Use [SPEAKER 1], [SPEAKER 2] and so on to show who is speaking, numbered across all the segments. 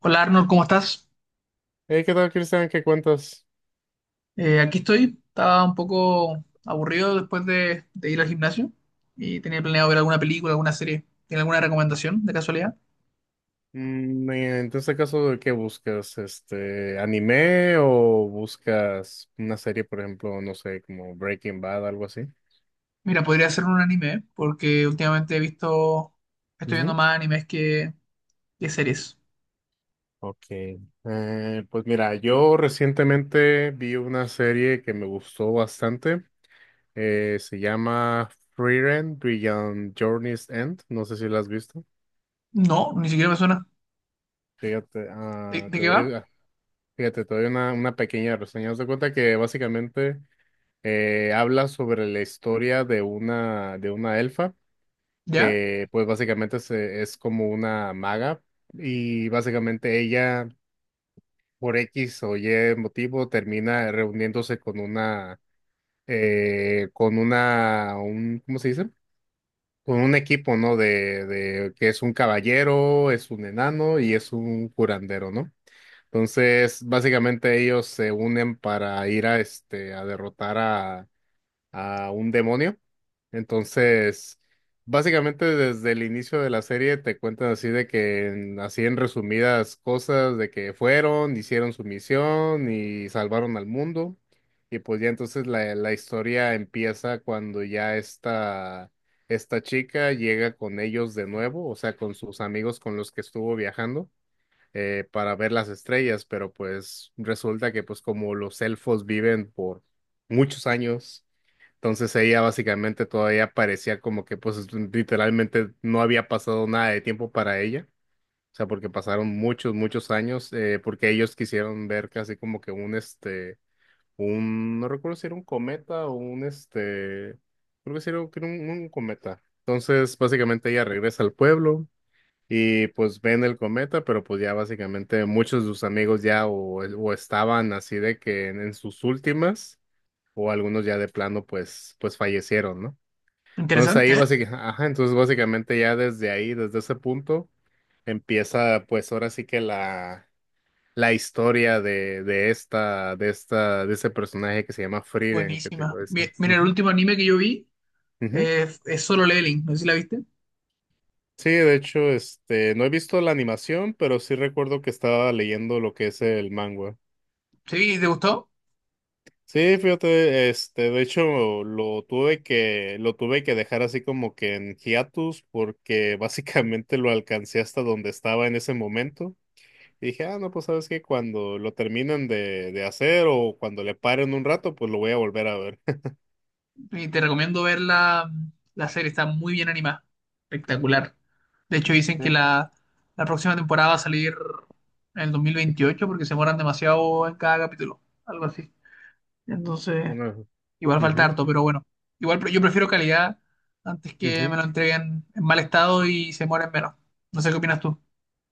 [SPEAKER 1] Hola Arnold, ¿cómo estás?
[SPEAKER 2] Hey, ¿qué tal, Cristian? ¿Qué cuentas?
[SPEAKER 1] Aquí estoy. Estaba un poco aburrido después de ir al gimnasio y tenía planeado ver alguna película, alguna serie. ¿Tiene alguna recomendación de casualidad?
[SPEAKER 2] En este caso, ¿qué buscas? ¿Anime o buscas una serie, por ejemplo, no sé, como Breaking Bad, algo así?
[SPEAKER 1] Mira, podría ser un anime, ¿eh? Porque últimamente he estoy viendo
[SPEAKER 2] Ujú.
[SPEAKER 1] más animes que series.
[SPEAKER 2] Ok. Pues mira, yo recientemente vi una serie que me gustó bastante. Se llama Frieren Beyond Journey's End. No sé si la has visto.
[SPEAKER 1] No, ni siquiera me suena.
[SPEAKER 2] Fíjate,
[SPEAKER 1] ¿De, de qué va?
[SPEAKER 2] te doy una pequeña reseña. Haz de cuenta que básicamente. Habla sobre la historia de una elfa
[SPEAKER 1] ¿Ya?
[SPEAKER 2] que pues básicamente es como una maga y básicamente ella por X o Y motivo termina reuniéndose con una, un, ¿cómo se dice? Con un equipo, ¿no? De que es un caballero, es un enano y es un curandero, ¿no? Entonces, básicamente ellos se unen para ir a derrotar a un demonio. Entonces, básicamente desde el inicio de la serie te cuentan así de que, así en resumidas cosas, de que fueron, hicieron su misión y salvaron al mundo. Y pues ya entonces la historia empieza cuando ya esta chica llega con ellos de nuevo, o sea, con sus amigos con los que estuvo viajando, para ver las estrellas. Pero pues resulta que pues como los elfos viven por muchos años, entonces ella básicamente todavía parecía como que pues literalmente no había pasado nada de tiempo para ella, o sea, porque pasaron muchos, muchos años, porque ellos quisieron ver casi como que no recuerdo si era un cometa o creo que sí era un cometa. Entonces básicamente ella regresa al pueblo y pues ven el cometa, pero pues ya básicamente muchos de sus amigos ya o estaban así de que en sus últimas, o algunos ya de plano pues fallecieron, ¿no? Entonces
[SPEAKER 1] Interesante,
[SPEAKER 2] ahí
[SPEAKER 1] ¿eh?
[SPEAKER 2] básicamente, ajá, entonces básicamente ya desde ahí, desde ese punto, empieza pues ahora sí que la historia de esta, de ese personaje que se llama Frieren, que te
[SPEAKER 1] Buenísima.
[SPEAKER 2] digo, ese.
[SPEAKER 1] Mira, el
[SPEAKER 2] Ujú,
[SPEAKER 1] último anime que yo vi
[SPEAKER 2] ujú.
[SPEAKER 1] es Solo Leveling, no sé si la viste.
[SPEAKER 2] Sí, de hecho, no he visto la animación, pero sí recuerdo que estaba leyendo lo que es el manga.
[SPEAKER 1] ¿Sí? ¿Te gustó?
[SPEAKER 2] Sí, fíjate, de hecho, lo tuve que dejar así como que en hiatus, porque básicamente lo alcancé hasta donde estaba en ese momento. Y dije, ah, no, pues sabes que cuando lo terminen de hacer o cuando le paren un rato, pues lo voy a volver a ver.
[SPEAKER 1] Y te recomiendo ver la serie, está muy bien animada, espectacular. De hecho, dicen que
[SPEAKER 2] Eh,
[SPEAKER 1] la próxima temporada va a salir en el 2028 porque se demoran demasiado en cada capítulo, algo así. Entonces,
[SPEAKER 2] bueno,
[SPEAKER 1] igual falta
[SPEAKER 2] ujú,
[SPEAKER 1] harto, pero bueno. Igual yo prefiero calidad antes que me
[SPEAKER 2] ujú.
[SPEAKER 1] lo entreguen en mal estado y se mueren menos. No sé qué opinas tú.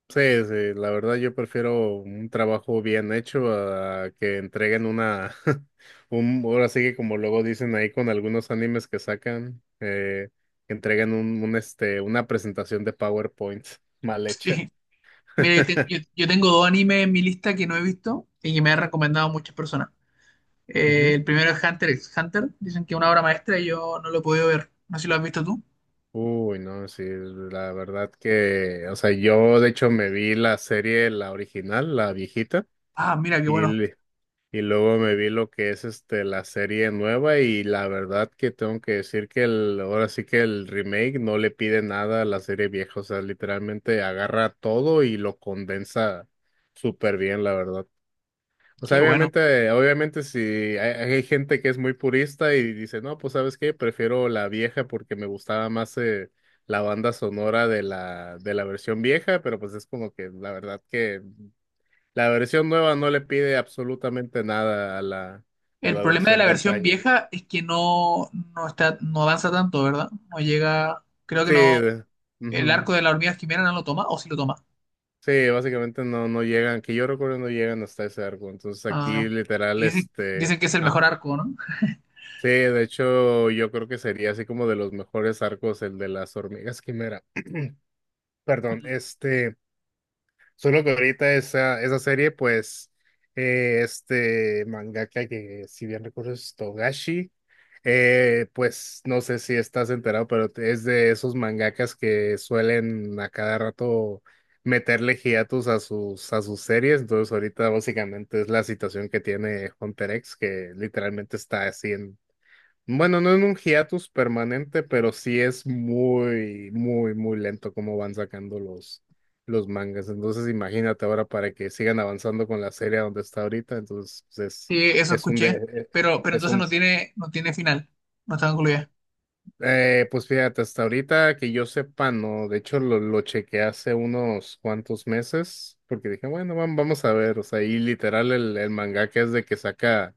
[SPEAKER 2] Sí, sí, la verdad yo prefiero un trabajo bien hecho a que entreguen una, un, ahora sí que como luego dicen ahí con algunos animes que sacan, que entreguen una presentación de PowerPoint mal hecha.
[SPEAKER 1] Sí. Mira, yo tengo dos animes en mi lista que no he visto y que me han recomendado muchas personas. El primero es Hunter x Hunter. Dicen que es una obra maestra y yo no lo he podido ver. No sé si lo has visto tú.
[SPEAKER 2] Uy, no, sí, la verdad que, o sea, yo de hecho me vi la serie, la original, la viejita,
[SPEAKER 1] Ah, mira, qué
[SPEAKER 2] y,
[SPEAKER 1] bueno.
[SPEAKER 2] l- y luego me vi lo que es la serie nueva y la verdad que tengo que decir que el, ahora sí que el remake no le pide nada a la serie vieja, o sea, literalmente agarra todo y lo condensa súper bien, la verdad. O sea,
[SPEAKER 1] Qué bueno.
[SPEAKER 2] obviamente, obviamente si hay gente que es muy purista y dice, no, pues ¿sabes qué? Prefiero la vieja porque me gustaba más la banda sonora de la versión vieja, pero pues es como que la verdad que la versión nueva no le pide absolutamente nada a la, a
[SPEAKER 1] El
[SPEAKER 2] la
[SPEAKER 1] problema de
[SPEAKER 2] versión
[SPEAKER 1] la
[SPEAKER 2] de
[SPEAKER 1] versión
[SPEAKER 2] antaño, ¿no?
[SPEAKER 1] vieja es que no está, no avanza tanto, ¿verdad? No llega. Creo que
[SPEAKER 2] Sí,
[SPEAKER 1] no. El
[SPEAKER 2] ujú.
[SPEAKER 1] arco de la hormiga quimera no lo toma, o sí lo toma.
[SPEAKER 2] Sí, básicamente no llegan, que yo recuerdo no llegan hasta ese arco. Entonces
[SPEAKER 1] Ah,
[SPEAKER 2] aquí
[SPEAKER 1] y
[SPEAKER 2] literal, este...
[SPEAKER 1] dicen que es el mejor
[SPEAKER 2] Ajá.
[SPEAKER 1] arco, ¿no?
[SPEAKER 2] Sí, de hecho, yo creo que sería así como de los mejores arcos el de las hormigas quimera. Perdón,
[SPEAKER 1] Mm.
[SPEAKER 2] solo que ahorita esa serie, pues, este mangaka que, si bien recuerdo, es Togashi, pues, no sé si estás enterado, pero es de esos mangakas que suelen a cada rato meterle hiatus a sus series, entonces ahorita básicamente es la situación que tiene Hunter X, que literalmente está así. Bueno, no en un hiatus permanente, pero sí es muy, muy, muy lento cómo van sacando los mangas. Entonces, imagínate ahora para que sigan avanzando con la serie a donde está ahorita. Entonces, pues,
[SPEAKER 1] Sí, eso
[SPEAKER 2] es un
[SPEAKER 1] escuché.
[SPEAKER 2] de-
[SPEAKER 1] Pero, pero
[SPEAKER 2] es
[SPEAKER 1] entonces no
[SPEAKER 2] un
[SPEAKER 1] tiene, no tiene final. No está concluida.
[SPEAKER 2] pues fíjate, hasta ahorita que yo sepa, no. De hecho, lo chequeé hace unos cuantos meses, porque dije, bueno, vamos a ver. O sea, y literal el mangaka es de que saca,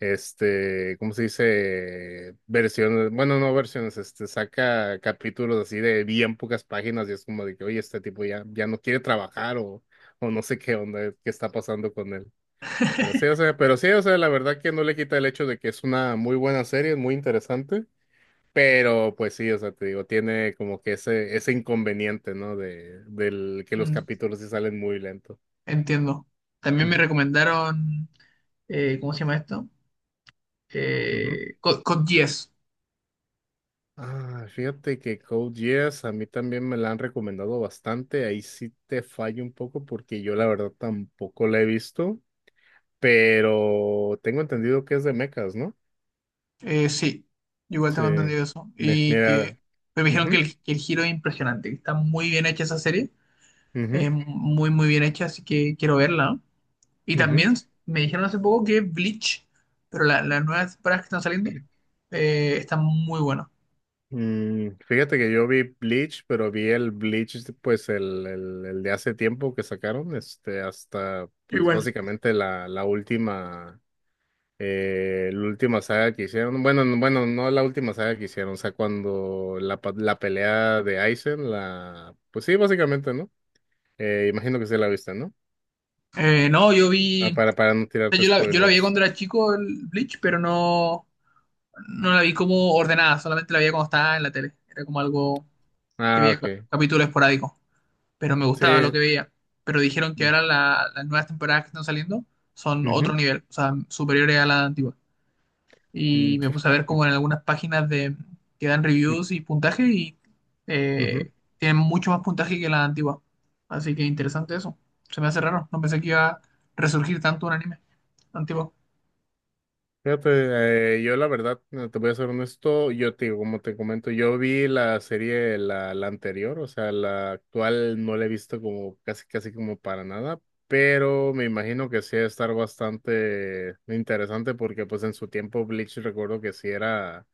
[SPEAKER 2] ¿cómo se dice? Versiones, bueno, no versiones, saca capítulos así de bien pocas páginas y es como de que, oye, este tipo ya, no quiere trabajar, o no sé qué onda, qué está pasando con él. Pero sí, o sea, la verdad que no le quita el hecho de que es una muy buena serie, es muy interesante. Pero pues sí, o sea, te digo, tiene como que ese inconveniente, ¿no? De, del que los
[SPEAKER 1] Mm,
[SPEAKER 2] capítulos sí salen muy lento.
[SPEAKER 1] entiendo. También me
[SPEAKER 2] Ujú,
[SPEAKER 1] recomendaron. ¿Cómo se llama esto?
[SPEAKER 2] ujú.
[SPEAKER 1] Con 10.
[SPEAKER 2] Ah, fíjate que Code Geass a mí también me la han recomendado bastante. Ahí sí te fallo un poco porque yo la verdad tampoco la he visto, pero tengo entendido que es de mechas, ¿no?
[SPEAKER 1] Sí, igual
[SPEAKER 2] Sí.
[SPEAKER 1] tengo entendido eso. Y
[SPEAKER 2] Mira,
[SPEAKER 1] que pero me dijeron que
[SPEAKER 2] ujú,
[SPEAKER 1] que el giro es impresionante, que está muy bien hecha esa serie,
[SPEAKER 2] ujú,
[SPEAKER 1] muy bien hecha, así que quiero verla. ¿No? Y
[SPEAKER 2] ujú.
[SPEAKER 1] también me dijeron hace poco que Bleach, pero las nuevas temporadas que están saliendo, están muy buenas.
[SPEAKER 2] Fíjate que yo vi Bleach, pero vi el Bleach, pues el de hace tiempo que sacaron, hasta, pues
[SPEAKER 1] Igual.
[SPEAKER 2] básicamente la, última saga que hicieron. Bueno, bueno, no la última saga que hicieron, o sea, cuando la pelea de Aizen, la, pues sí, básicamente, ¿no? Imagino que sí la viste, ¿no?
[SPEAKER 1] No, yo vi,
[SPEAKER 2] Ah,
[SPEAKER 1] o
[SPEAKER 2] para no
[SPEAKER 1] sea,
[SPEAKER 2] tirarte
[SPEAKER 1] yo la vi
[SPEAKER 2] spoilers.
[SPEAKER 1] cuando era chico el Bleach, no la vi como ordenada, solamente la veía cuando estaba en la tele. Era como algo que
[SPEAKER 2] Ah,
[SPEAKER 1] veía
[SPEAKER 2] ok.
[SPEAKER 1] capítulo esporádico, pero me
[SPEAKER 2] Sí.
[SPEAKER 1] gustaba lo que veía. Pero dijeron que
[SPEAKER 2] Mm,
[SPEAKER 1] ahora las nuevas temporadas que están saliendo son otro
[SPEAKER 2] ujú.
[SPEAKER 1] nivel, o sea, superiores a la antigua.
[SPEAKER 2] Mm,
[SPEAKER 1] Y me puse a ver como en algunas páginas que dan reviews y puntaje y
[SPEAKER 2] ujú.
[SPEAKER 1] eh, tienen mucho más puntaje que la antigua. Así que interesante eso. Se me hace raro, no pensé que iba a resurgir tanto un anime antiguo
[SPEAKER 2] Fíjate, yo la verdad, te voy a ser honesto, yo te digo, como te comento, yo vi la serie, la anterior, o sea, la actual no la he visto como casi, casi como para nada, pero me imagino que sí va a estar bastante interesante porque pues en su tiempo Bleach recuerdo que sí era,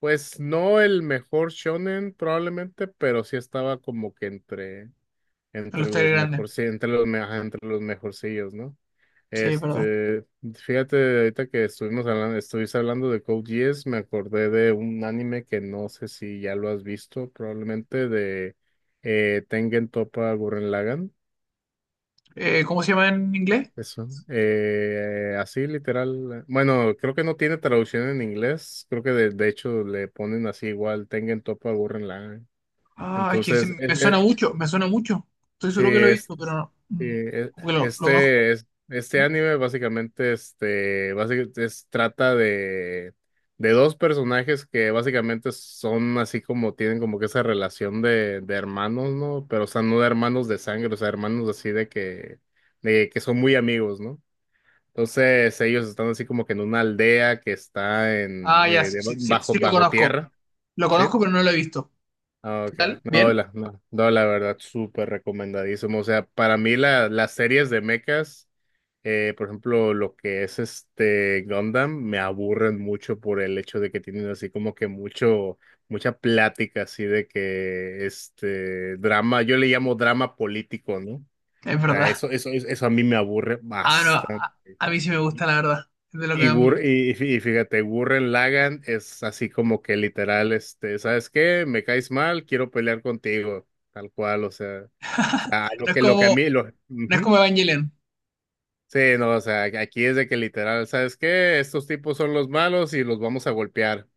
[SPEAKER 2] pues no el mejor shonen probablemente, pero sí estaba como que entre,
[SPEAKER 1] en los
[SPEAKER 2] entre
[SPEAKER 1] series
[SPEAKER 2] los
[SPEAKER 1] grandes.
[SPEAKER 2] mejor, sí, entre los, ajá, entre los mejorcillos, ¿no?
[SPEAKER 1] Sí, es verdad.
[SPEAKER 2] Este, fíjate, ahorita que estuvimos hablando, estuviste hablando de Code Geass, me acordé de un anime que no sé si ya lo has visto, probablemente de, Tengen Toppa Gurren Lagann,
[SPEAKER 1] ¿Cómo se llama en inglés?
[SPEAKER 2] eso, así literal, bueno, creo que no tiene traducción en inglés, creo que de hecho le ponen así igual, Tengen Toppa Gurren Lagann,
[SPEAKER 1] Ah, es que sí,
[SPEAKER 2] entonces,
[SPEAKER 1] me suena mucho, me suena mucho. Estoy
[SPEAKER 2] sí,
[SPEAKER 1] seguro que lo he visto, pero no,
[SPEAKER 2] sí,
[SPEAKER 1] mm, como que lo conozco.
[SPEAKER 2] este, este anime básicamente, básicamente trata de dos personajes que básicamente son así como tienen como que esa relación de hermanos, ¿no? Pero o sea, no de hermanos de sangre, o sea, hermanos así de que son muy amigos, ¿no? Entonces ellos están así como que en una aldea que está en,
[SPEAKER 1] Ah, ya, sí, sí, sí,
[SPEAKER 2] bajo,
[SPEAKER 1] sí lo
[SPEAKER 2] bajo
[SPEAKER 1] conozco.
[SPEAKER 2] tierra.
[SPEAKER 1] Lo
[SPEAKER 2] ¿Sí?
[SPEAKER 1] conozco, pero no lo he visto.
[SPEAKER 2] Ah,
[SPEAKER 1] ¿Qué
[SPEAKER 2] ok.
[SPEAKER 1] tal?
[SPEAKER 2] No,
[SPEAKER 1] ¿Bien?
[SPEAKER 2] la, no, no, la verdad, súper recomendadísimo. O sea, para mí las series de mechas, por ejemplo, lo que es este Gundam, me aburren mucho por el hecho de que tienen así como que mucho, mucha plática así de que este drama, yo le llamo drama político, ¿no? O
[SPEAKER 1] Es
[SPEAKER 2] sea,
[SPEAKER 1] verdad.
[SPEAKER 2] eso a mí me aburre
[SPEAKER 1] Ah, no,
[SPEAKER 2] bastante.
[SPEAKER 1] a mí sí me gusta, la verdad. Es de lo que
[SPEAKER 2] Y,
[SPEAKER 1] más me
[SPEAKER 2] Gur-
[SPEAKER 1] gusta.
[SPEAKER 2] y, y fí- y fíjate, Gurren Lagann es así como que literal, ¿sabes qué? Me caes mal, quiero pelear contigo, tal cual, o sea,
[SPEAKER 1] No es
[SPEAKER 2] lo que a
[SPEAKER 1] como,
[SPEAKER 2] mí, lo,
[SPEAKER 1] no es
[SPEAKER 2] ujú.
[SPEAKER 1] como Evangelion.
[SPEAKER 2] Sí, no, o sea, aquí es de que literal, ¿sabes qué? Estos tipos son los malos y los vamos a golpear.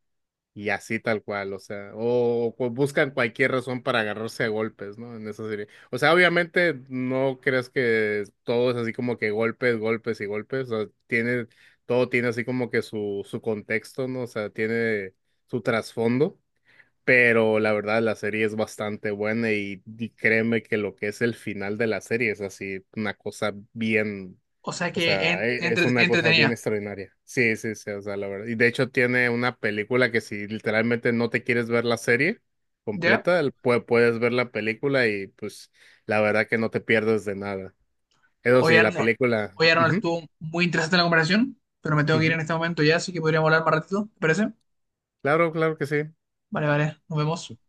[SPEAKER 2] Y así tal cual, o sea, buscan cualquier razón para agarrarse a golpes, ¿no? En esa serie. O sea, obviamente no crees que todo es así como que golpes, golpes y golpes, o sea, tiene, todo tiene así como que su contexto, ¿no? O sea, tiene su trasfondo. Pero la verdad, la serie es bastante buena y créeme que lo que es el final de la serie es así, una cosa bien,
[SPEAKER 1] O sea
[SPEAKER 2] o
[SPEAKER 1] que
[SPEAKER 2] sea, es una cosa bien
[SPEAKER 1] entretenida.
[SPEAKER 2] extraordinaria. Sí, sí, sí, o sea, la verdad. Y de hecho tiene una película que si literalmente no te quieres ver la serie
[SPEAKER 1] ¿Ya?
[SPEAKER 2] completa, puedes ver la película y pues la verdad que no te pierdes de nada. Eso
[SPEAKER 1] Oye,
[SPEAKER 2] sí, la película.
[SPEAKER 1] Arnold,
[SPEAKER 2] Ujú,
[SPEAKER 1] estuvo muy interesante la comparación, pero me tengo que ir en
[SPEAKER 2] ujú.
[SPEAKER 1] este momento ya, así que podríamos hablar más ratito. ¿Te parece?
[SPEAKER 2] Claro, claro que sí.
[SPEAKER 1] Vale, vale, nos vemos.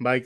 [SPEAKER 2] Bye.